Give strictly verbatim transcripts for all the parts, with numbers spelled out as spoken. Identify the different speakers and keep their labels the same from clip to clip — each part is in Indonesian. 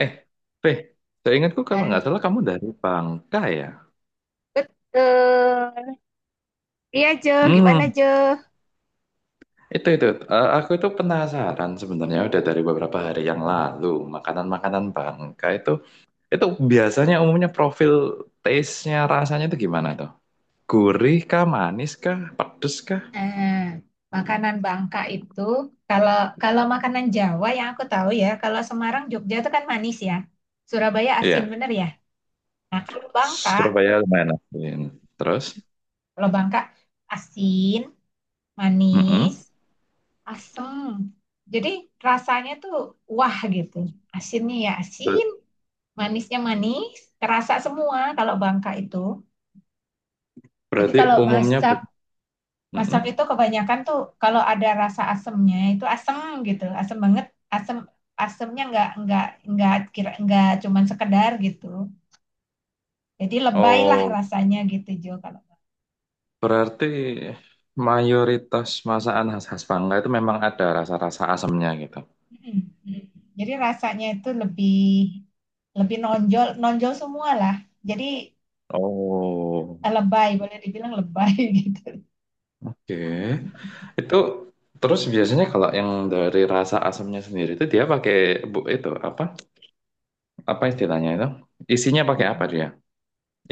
Speaker 1: Eh, Fe, seingatku kalau
Speaker 2: Hal-
Speaker 1: nggak salah kamu dari Bangka ya?
Speaker 2: Betul. Iya, Jo. Gimana,
Speaker 1: Hmm,
Speaker 2: Jo?
Speaker 1: itu itu. Eh, aku itu penasaran sebenarnya udah dari beberapa hari yang lalu makanan-makanan Bangka itu itu biasanya umumnya profil taste-nya rasanya itu gimana tuh? Gurih kah, manis kah, pedes kah?
Speaker 2: Nah, makanan Bangka itu, kalau kalau makanan Jawa yang aku tahu ya, kalau Semarang, Jogja itu kan manis ya. Surabaya asin,
Speaker 1: Iya,
Speaker 2: bener ya? Nah, kalau Bangka,
Speaker 1: Surabaya lumayan asin. Terus,
Speaker 2: kalau Bangka asin, manis,
Speaker 1: mm-mm.
Speaker 2: asem. Jadi rasanya tuh wah gitu. Asinnya ya
Speaker 1: Ber-
Speaker 2: asin, manisnya manis, terasa semua kalau Bangka itu. Jadi
Speaker 1: Berarti
Speaker 2: kalau
Speaker 1: umumnya
Speaker 2: masak
Speaker 1: bu- mm-mm.
Speaker 2: Masak itu kebanyakan tuh kalau ada rasa asemnya itu asem gitu, asem banget, asem asemnya nggak nggak nggak kira nggak cuman sekedar gitu. Jadi lebay lah
Speaker 1: Oh.
Speaker 2: rasanya gitu, Jo, kalau.
Speaker 1: Berarti mayoritas masakan khas-khas Bangka itu memang ada rasa-rasa asamnya gitu.
Speaker 2: Mm, mm. Jadi rasanya itu lebih lebih nonjol nonjol semua lah. Jadi,
Speaker 1: Oh,
Speaker 2: eh, lebay boleh dibilang lebay gitu.
Speaker 1: oke. Itu terus biasanya kalau yang dari rasa asamnya sendiri itu dia pakai bu itu apa? Apa istilahnya itu? Isinya pakai apa
Speaker 2: Mm.
Speaker 1: dia?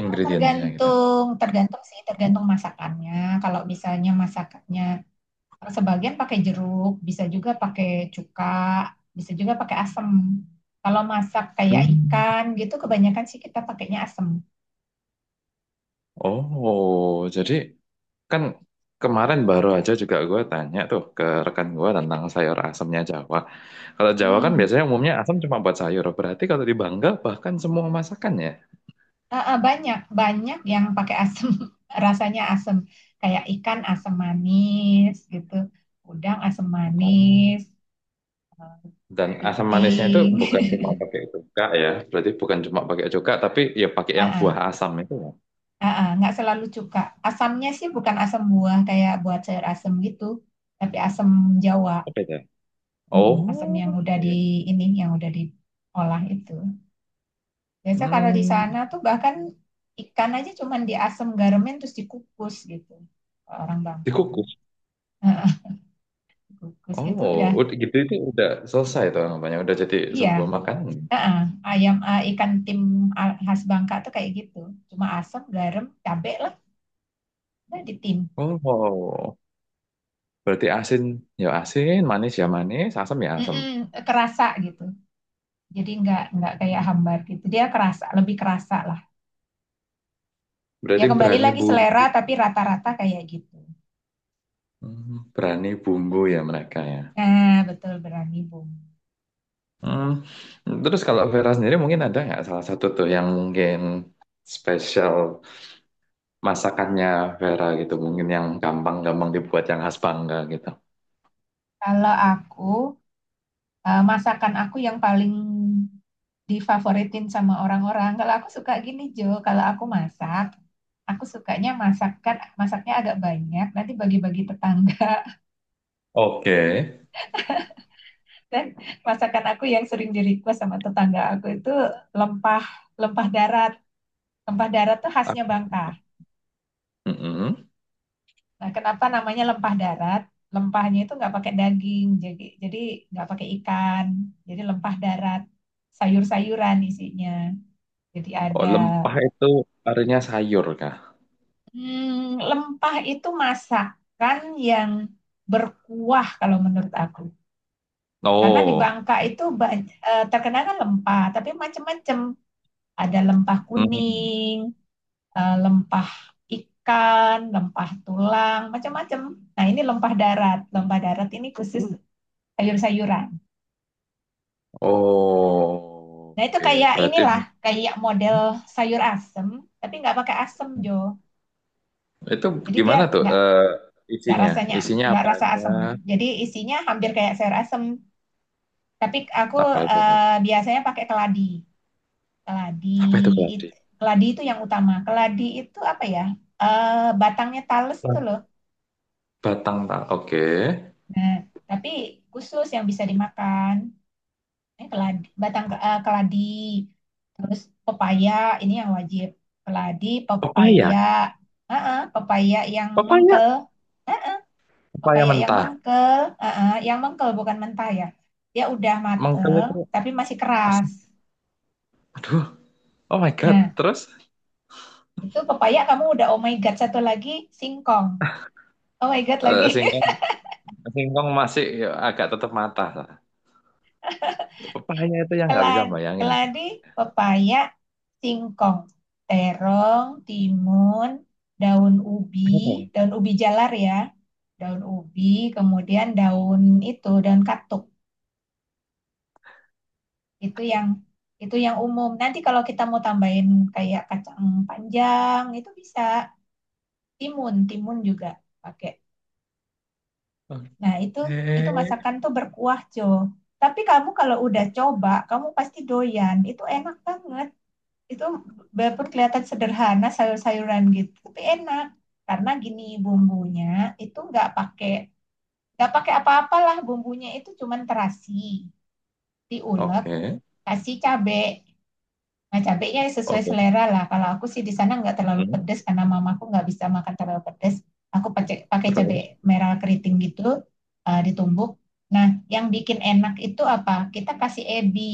Speaker 1: Ingredientsnya gitu.
Speaker 2: Tergantung tergantung sih tergantung masakannya. Kalau misalnya masakannya sebagian pakai jeruk, bisa juga pakai cuka, bisa juga pakai asem. Kalau masak kayak
Speaker 1: Hmm.
Speaker 2: ikan gitu, kebanyakan sih kita pakainya asem.
Speaker 1: Oh, jadi kan kemarin baru aja juga gue tanya tuh ke rekan gue tentang sayur asamnya Jawa. Kalau Jawa kan
Speaker 2: Hmm,
Speaker 1: biasanya umumnya asam cuma buat sayur. Berarti kalau di Bangka bahkan semua masakan ya.
Speaker 2: ah, ah, banyak, banyak yang pakai asem, rasanya asem. Kayak ikan asem manis gitu, udang asem
Speaker 1: Oh.
Speaker 2: manis,
Speaker 1: Dan asam manisnya itu
Speaker 2: iting.
Speaker 1: bukan cuma pakai cuka ya. Berarti bukan cuma pakai cuka, tapi ya pakai yang
Speaker 2: Ah,
Speaker 1: buah
Speaker 2: ah,
Speaker 1: asam itu ya.
Speaker 2: ah, ah, nggak selalu cuka. Asamnya sih bukan asam buah kayak buat sayur asem gitu, tapi asam Jawa.
Speaker 1: Apa itu?
Speaker 2: Mm, asam yang
Speaker 1: Oh,
Speaker 2: udah di
Speaker 1: iya.
Speaker 2: ini yang udah diolah itu. Biasa karena di
Speaker 1: Hmm,
Speaker 2: sana tuh bahkan ikan aja cuman diasam garamin terus dikukus gitu. Kalau orang Bangka tuh.
Speaker 1: Dikukus.
Speaker 2: Heeh. Kukus itu
Speaker 1: Oh,
Speaker 2: udah.
Speaker 1: udah gitu itu udah selesai tuh namanya. Udah jadi
Speaker 2: Iya,
Speaker 1: sebuah makanan.
Speaker 2: heeh, ayam, eh, ikan tim khas Bangka tuh kayak gitu. Cuma asam, garam, cabe lah, udah ditim.
Speaker 1: Oh. Berarti asin ya asin, manis ya manis, asam ya asam.
Speaker 2: Mm-mm, kerasa gitu. Jadi nggak nggak kayak hambar gitu. Dia kerasa, lebih kerasa lah. Ya,
Speaker 1: Berarti
Speaker 2: kembali
Speaker 1: berani
Speaker 2: lagi
Speaker 1: bumbu,
Speaker 2: selera tapi rata-rata kayak gitu.
Speaker 1: hmm, berani bumbu ya mereka ya.
Speaker 2: Nah, betul berani bung.
Speaker 1: Hmm. Terus kalau Vera sendiri mungkin ada nggak salah satu tuh yang mungkin spesial masakannya Vera gitu, mungkin yang gampang-gampang dibuat yang khas Bangka gitu.
Speaker 2: Kalau aku, eh, masakan aku yang paling difavoritin sama orang-orang. Kalau aku suka gini, Jo, kalau aku masak, aku sukanya masakan masaknya agak banyak, nanti bagi-bagi tetangga.
Speaker 1: Oke.
Speaker 2: Dan masakan aku yang sering di request sama tetangga aku itu lempah lempah darat. Lempah darat tuh
Speaker 1: Ah,
Speaker 2: khasnya Bangka.
Speaker 1: mm-mm.
Speaker 2: Nah, kenapa namanya lempah darat? Lempahnya itu nggak pakai daging, jadi jadi nggak pakai ikan, jadi lempah darat, sayur-sayuran isinya. Jadi
Speaker 1: Oh,
Speaker 2: ada.
Speaker 1: lempah itu artinya sayur kah?
Speaker 2: Hmm, lempah itu masakan yang berkuah kalau menurut aku. Karena di
Speaker 1: Oh.
Speaker 2: Bangka itu banyak, terkenal kan lempah, tapi macam-macam. Ada lempah
Speaker 1: Mm.
Speaker 2: kuning, eh, lempah ikan, lempah tulang, macam-macam. Nah, ini lempah darat. Lempah darat ini khusus sayur-sayuran.
Speaker 1: Oh.
Speaker 2: Nah, itu
Speaker 1: Oke,
Speaker 2: kayak
Speaker 1: berarti
Speaker 2: inilah, kayak model sayur asem, tapi nggak pakai asem, Jo.
Speaker 1: itu
Speaker 2: Jadi dia
Speaker 1: gimana tuh
Speaker 2: nggak
Speaker 1: eh,
Speaker 2: nggak
Speaker 1: isinya?
Speaker 2: rasanya
Speaker 1: Isinya
Speaker 2: nggak
Speaker 1: apa
Speaker 2: rasa
Speaker 1: aja?
Speaker 2: asem. Jadi isinya hampir kayak sayur asem, tapi aku
Speaker 1: Apa aja?
Speaker 2: eh, biasanya pakai keladi. Keladi,
Speaker 1: Apa itu keladi?
Speaker 2: it- keladi itu yang utama. Keladi itu apa ya? Eh, Batangnya talas tuh loh.
Speaker 1: Batang tak. Oke.
Speaker 2: Nah, tapi khusus yang bisa dimakan. Ini keladi, batang ke- eh, keladi. Terus pepaya, ini yang wajib. Keladi,
Speaker 1: Pepaya.
Speaker 2: pepaya. Heeh, pepaya yang
Speaker 1: Pepaya.
Speaker 2: mengkel.
Speaker 1: Pepaya
Speaker 2: Pepaya yang
Speaker 1: mentah.
Speaker 2: mengkel. Heeh, yang mengkel bukan mentah ya. Dia udah
Speaker 1: Mengkel
Speaker 2: mateng,
Speaker 1: itu
Speaker 2: tapi masih
Speaker 1: asin.
Speaker 2: keras.
Speaker 1: Aduh. Oh my God.
Speaker 2: Nah,
Speaker 1: Terus
Speaker 2: itu pepaya kamu udah oh my god satu lagi singkong. Oh my god
Speaker 1: eh,
Speaker 2: lagi.
Speaker 1: singkong, singkong masih ya, agak tetap mata. Pepaya itu yang nggak bisa
Speaker 2: keladi,
Speaker 1: bayangin.
Speaker 2: keladi, pepaya, singkong, terong, timun, daun ubi,
Speaker 1: Terong.
Speaker 2: daun ubi jalar ya. Daun ubi, kemudian daun itu, daun katuk. Itu yang itu yang umum. Nanti kalau kita mau tambahin kayak kacang panjang itu bisa, timun, timun juga pakai.
Speaker 1: Oke.
Speaker 2: Nah, itu itu masakan tuh berkuah, Jo. Tapi kamu kalau udah coba, kamu pasti doyan. Itu enak banget. Itu walaupun kelihatan sederhana sayur-sayuran gitu, tapi enak. Karena gini bumbunya itu nggak pakai nggak pakai apa-apalah, bumbunya itu cuman terasi, diulek,
Speaker 1: Oke.
Speaker 2: kasih cabai. Nah, cabenya sesuai
Speaker 1: Oke.
Speaker 2: selera lah. Kalau aku sih di sana nggak terlalu
Speaker 1: Hmm.
Speaker 2: pedes karena mamaku nggak bisa makan terlalu pedes. Aku pakai pakai cabe
Speaker 1: Terus.
Speaker 2: merah keriting gitu, eh, ditumbuk. Nah, yang bikin enak itu apa? Kita kasih ebi,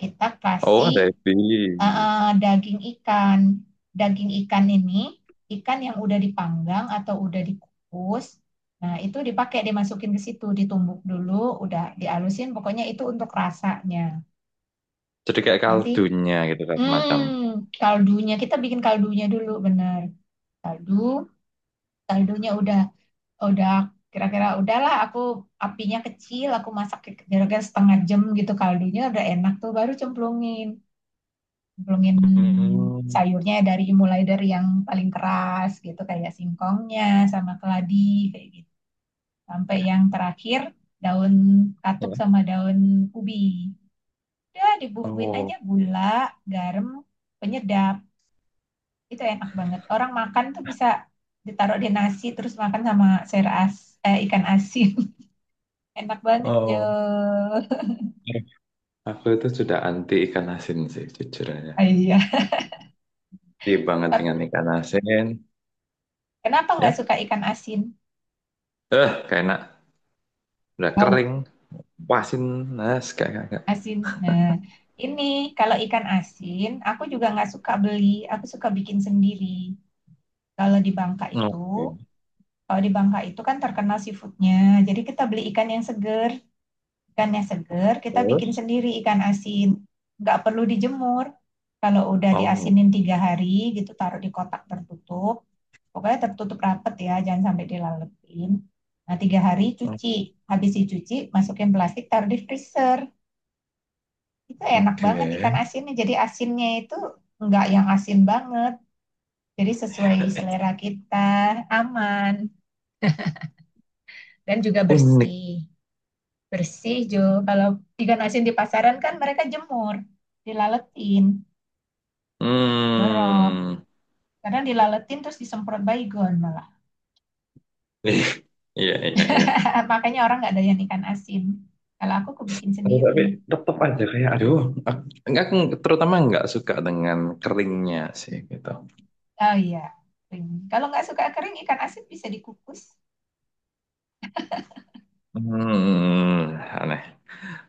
Speaker 2: kita
Speaker 1: Oh,
Speaker 2: kasih
Speaker 1: ada
Speaker 2: eh,
Speaker 1: ebi.
Speaker 2: eh, daging ikan. Daging ikan ini ikan yang udah dipanggang atau udah dikukus. Nah, itu dipakai dimasukin ke situ, ditumbuk dulu, udah dialusin. Pokoknya itu untuk rasanya.
Speaker 1: Jadi kayak
Speaker 2: Nanti.
Speaker 1: kaldunya gitu kan semacam.
Speaker 2: Hmm, kaldunya kita bikin kaldunya dulu bener. Kaldu, kaldunya udah udah kira-kira udahlah, aku apinya kecil, aku masak kira-kira setengah jam gitu, kaldunya udah enak tuh baru cemplungin. Cemplungin
Speaker 1: Hmm.
Speaker 2: sayurnya dari mulai dari yang paling keras gitu kayak singkongnya sama keladi kayak gitu. Sampai yang terakhir daun katuk
Speaker 1: Ya.
Speaker 2: sama daun ubi. Udah dibumbuin aja
Speaker 1: Oh,
Speaker 2: gula, garam, penyedap. Itu enak banget. Orang makan tuh bisa ditaruh di nasi terus makan sama sayur as eh, ikan asin. Enak banget, Jo.
Speaker 1: oh. Aku itu sudah anti ikan asin sih, jujur aja.
Speaker 2: Ah, iya.
Speaker 1: Di banget
Speaker 2: Tapi
Speaker 1: dengan ikan asin,
Speaker 2: kenapa nggak
Speaker 1: ya.
Speaker 2: suka ikan asin?
Speaker 1: Eh, kayak enak. Udah
Speaker 2: Bau
Speaker 1: kering, pasin, nas, kayak kayak. kayak.
Speaker 2: asin. Nah, ini kalau ikan asin, aku juga nggak suka beli. Aku suka bikin sendiri. Kalau di Bangka itu,
Speaker 1: Oke.
Speaker 2: kalau di Bangka itu kan terkenal seafoodnya. Jadi kita beli ikan yang seger. Ikannya seger, kita bikin
Speaker 1: Terus?
Speaker 2: sendiri ikan asin. Nggak perlu dijemur. Kalau udah
Speaker 1: Oh,
Speaker 2: diasinin tiga hari gitu, taruh di kotak tertutup. Pokoknya tertutup rapet ya, jangan sampai dilalepin. Nah, tiga hari
Speaker 1: o-
Speaker 2: cuci. Habis dicuci, masukin plastik, taruh di freezer. Itu enak
Speaker 1: oke.
Speaker 2: banget ikan asinnya. Jadi asinnya itu nggak yang asin banget. Jadi sesuai selera kita, aman, dan juga
Speaker 1: Unik.
Speaker 2: bersih. Bersih, Jo. Kalau ikan asin di pasaran kan mereka jemur dilaletin. Dorok.
Speaker 1: Hmm.
Speaker 2: Kadang dilaletin terus disemprot baygon malah.
Speaker 1: Ih, iya, iya, iya.
Speaker 2: Makanya orang nggak doyan ikan asin. Kalau aku kebikin
Speaker 1: Terus tapi
Speaker 2: sendiri.
Speaker 1: tetap aja kayak, aduh, aku, enggak, aku terutama nggak suka dengan keringnya sih, gitu.
Speaker 2: Oh iya, kering. Kalau nggak suka kering, ikan asin bisa dikukus.
Speaker 1: Hmm, Aneh.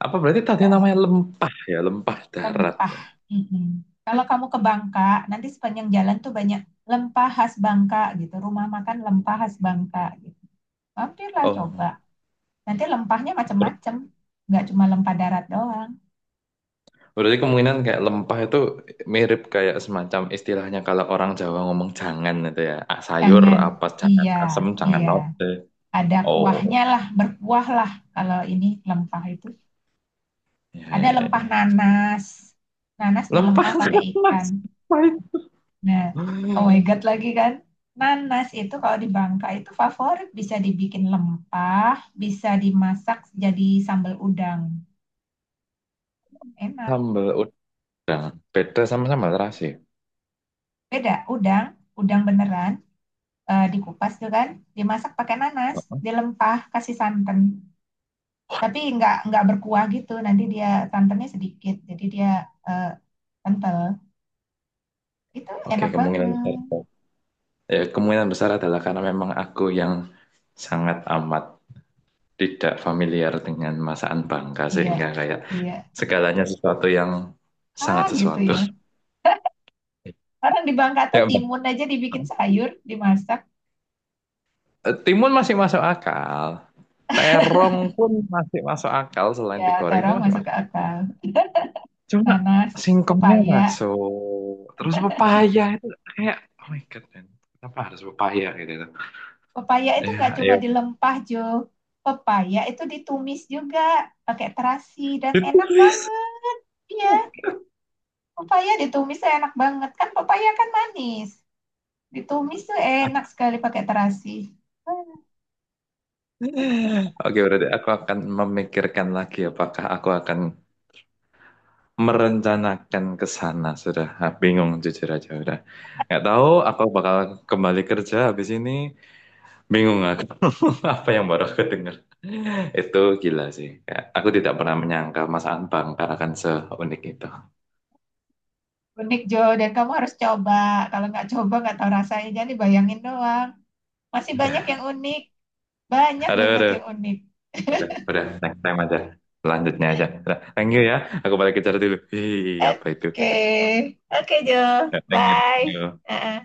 Speaker 1: Apa berarti tadi namanya lempah ya, lempah darat
Speaker 2: Lempah.
Speaker 1: ya?
Speaker 2: Mm-mm. Kalau kamu ke Bangka, nanti sepanjang jalan tuh banyak lempah khas Bangka gitu. Rumah makan lempah khas Bangka gitu. Mampirlah
Speaker 1: Oh,
Speaker 2: coba. Nanti lempahnya
Speaker 1: ber-
Speaker 2: macam-macam. Nggak cuma lempah darat doang.
Speaker 1: berarti kemungkinan kayak lempah itu mirip kayak semacam istilahnya kalau orang Jawa ngomong jangan itu ya, ah, sayur
Speaker 2: Jangan.
Speaker 1: apa jangan
Speaker 2: Iya,
Speaker 1: asem, jangan
Speaker 2: iya.
Speaker 1: lode.
Speaker 2: Ada
Speaker 1: Oh,
Speaker 2: kuahnya lah, berkuah lah, kalau ini lempah itu.
Speaker 1: ya
Speaker 2: Ada
Speaker 1: ya
Speaker 2: lempah
Speaker 1: ya.
Speaker 2: nanas. Nanas
Speaker 1: Lempah
Speaker 2: dilempah pakai ikan.
Speaker 1: mas, pahit.
Speaker 2: Nah, oh my God lagi kan. Nanas itu kalau di Bangka itu favorit. Bisa dibikin lempah, bisa dimasak jadi sambal udang. Enak.
Speaker 1: Sambal ud- Beda sama sambal
Speaker 2: Iya.
Speaker 1: terasi.
Speaker 2: Beda, udang, udang beneran. Eh, dikupas tuh kan, dimasak pakai nanas, dilempah, kasih santan. Tapi nggak nggak berkuah gitu, nanti dia santannya sedikit, jadi dia eh, kental. Itu
Speaker 1: Oke,
Speaker 2: enak banget.
Speaker 1: kemungkinan besar. Ya, kemungkinan besar adalah karena memang aku yang sangat amat tidak familiar dengan masakan Bangka
Speaker 2: Iya,
Speaker 1: sehingga kayak
Speaker 2: iya.
Speaker 1: segalanya sesuatu yang sangat
Speaker 2: Ah, gitu
Speaker 1: sesuatu.
Speaker 2: ya. Orang di Bangka tuh
Speaker 1: Ya, Bang.
Speaker 2: timun aja dibikin sayur, dimasak.
Speaker 1: Eh, Timun masih masuk akal. Terong pun masih masuk akal selain
Speaker 2: Ya,
Speaker 1: digoreng itu
Speaker 2: taruh
Speaker 1: masih
Speaker 2: masuk ke
Speaker 1: masuk.
Speaker 2: akal.
Speaker 1: Cuma
Speaker 2: Nanas,
Speaker 1: singkongnya
Speaker 2: pepaya.
Speaker 1: masuk. Terus pepaya itu kayak oh my God, man. Kenapa harus pepaya gitu tuh?
Speaker 2: Pepaya itu nggak
Speaker 1: Ya,
Speaker 2: cuma
Speaker 1: ya.
Speaker 2: dilempah, Jo. Pepaya itu ditumis juga pakai terasi dan
Speaker 1: Itu
Speaker 2: enak
Speaker 1: please.
Speaker 2: banget. Iya, pepaya ditumis tuh enak banget. Kan pepaya kan manis. Ditumis tuh enak sekali pakai terasi. Ah,
Speaker 1: Oke, berarti aku akan memikirkan lagi apakah aku akan merencanakan ke sana sudah. Ah, bingung jujur aja, udah nggak tahu aku bakal kembali kerja habis ini. Bingung aku. Apa yang baru aku dengar itu gila sih. Kayak aku tidak pernah menyangka, Mas Anbang, karena kan seunik itu.
Speaker 2: unik, Jo, dan kamu harus coba. Kalau nggak coba nggak tahu rasanya. Jadi bayangin doang. Masih banyak yang unik. Banyak
Speaker 1: Aduh,
Speaker 2: banget
Speaker 1: aduh,
Speaker 2: yang unik.
Speaker 1: udah udah next time aja lanjutnya aja udah. Thank you ya, aku balik kerja dulu. Ih, apa itu.
Speaker 2: Oke. Oke, Jo.
Speaker 1: Ya, thank
Speaker 2: Bye.
Speaker 1: you
Speaker 2: Heeh.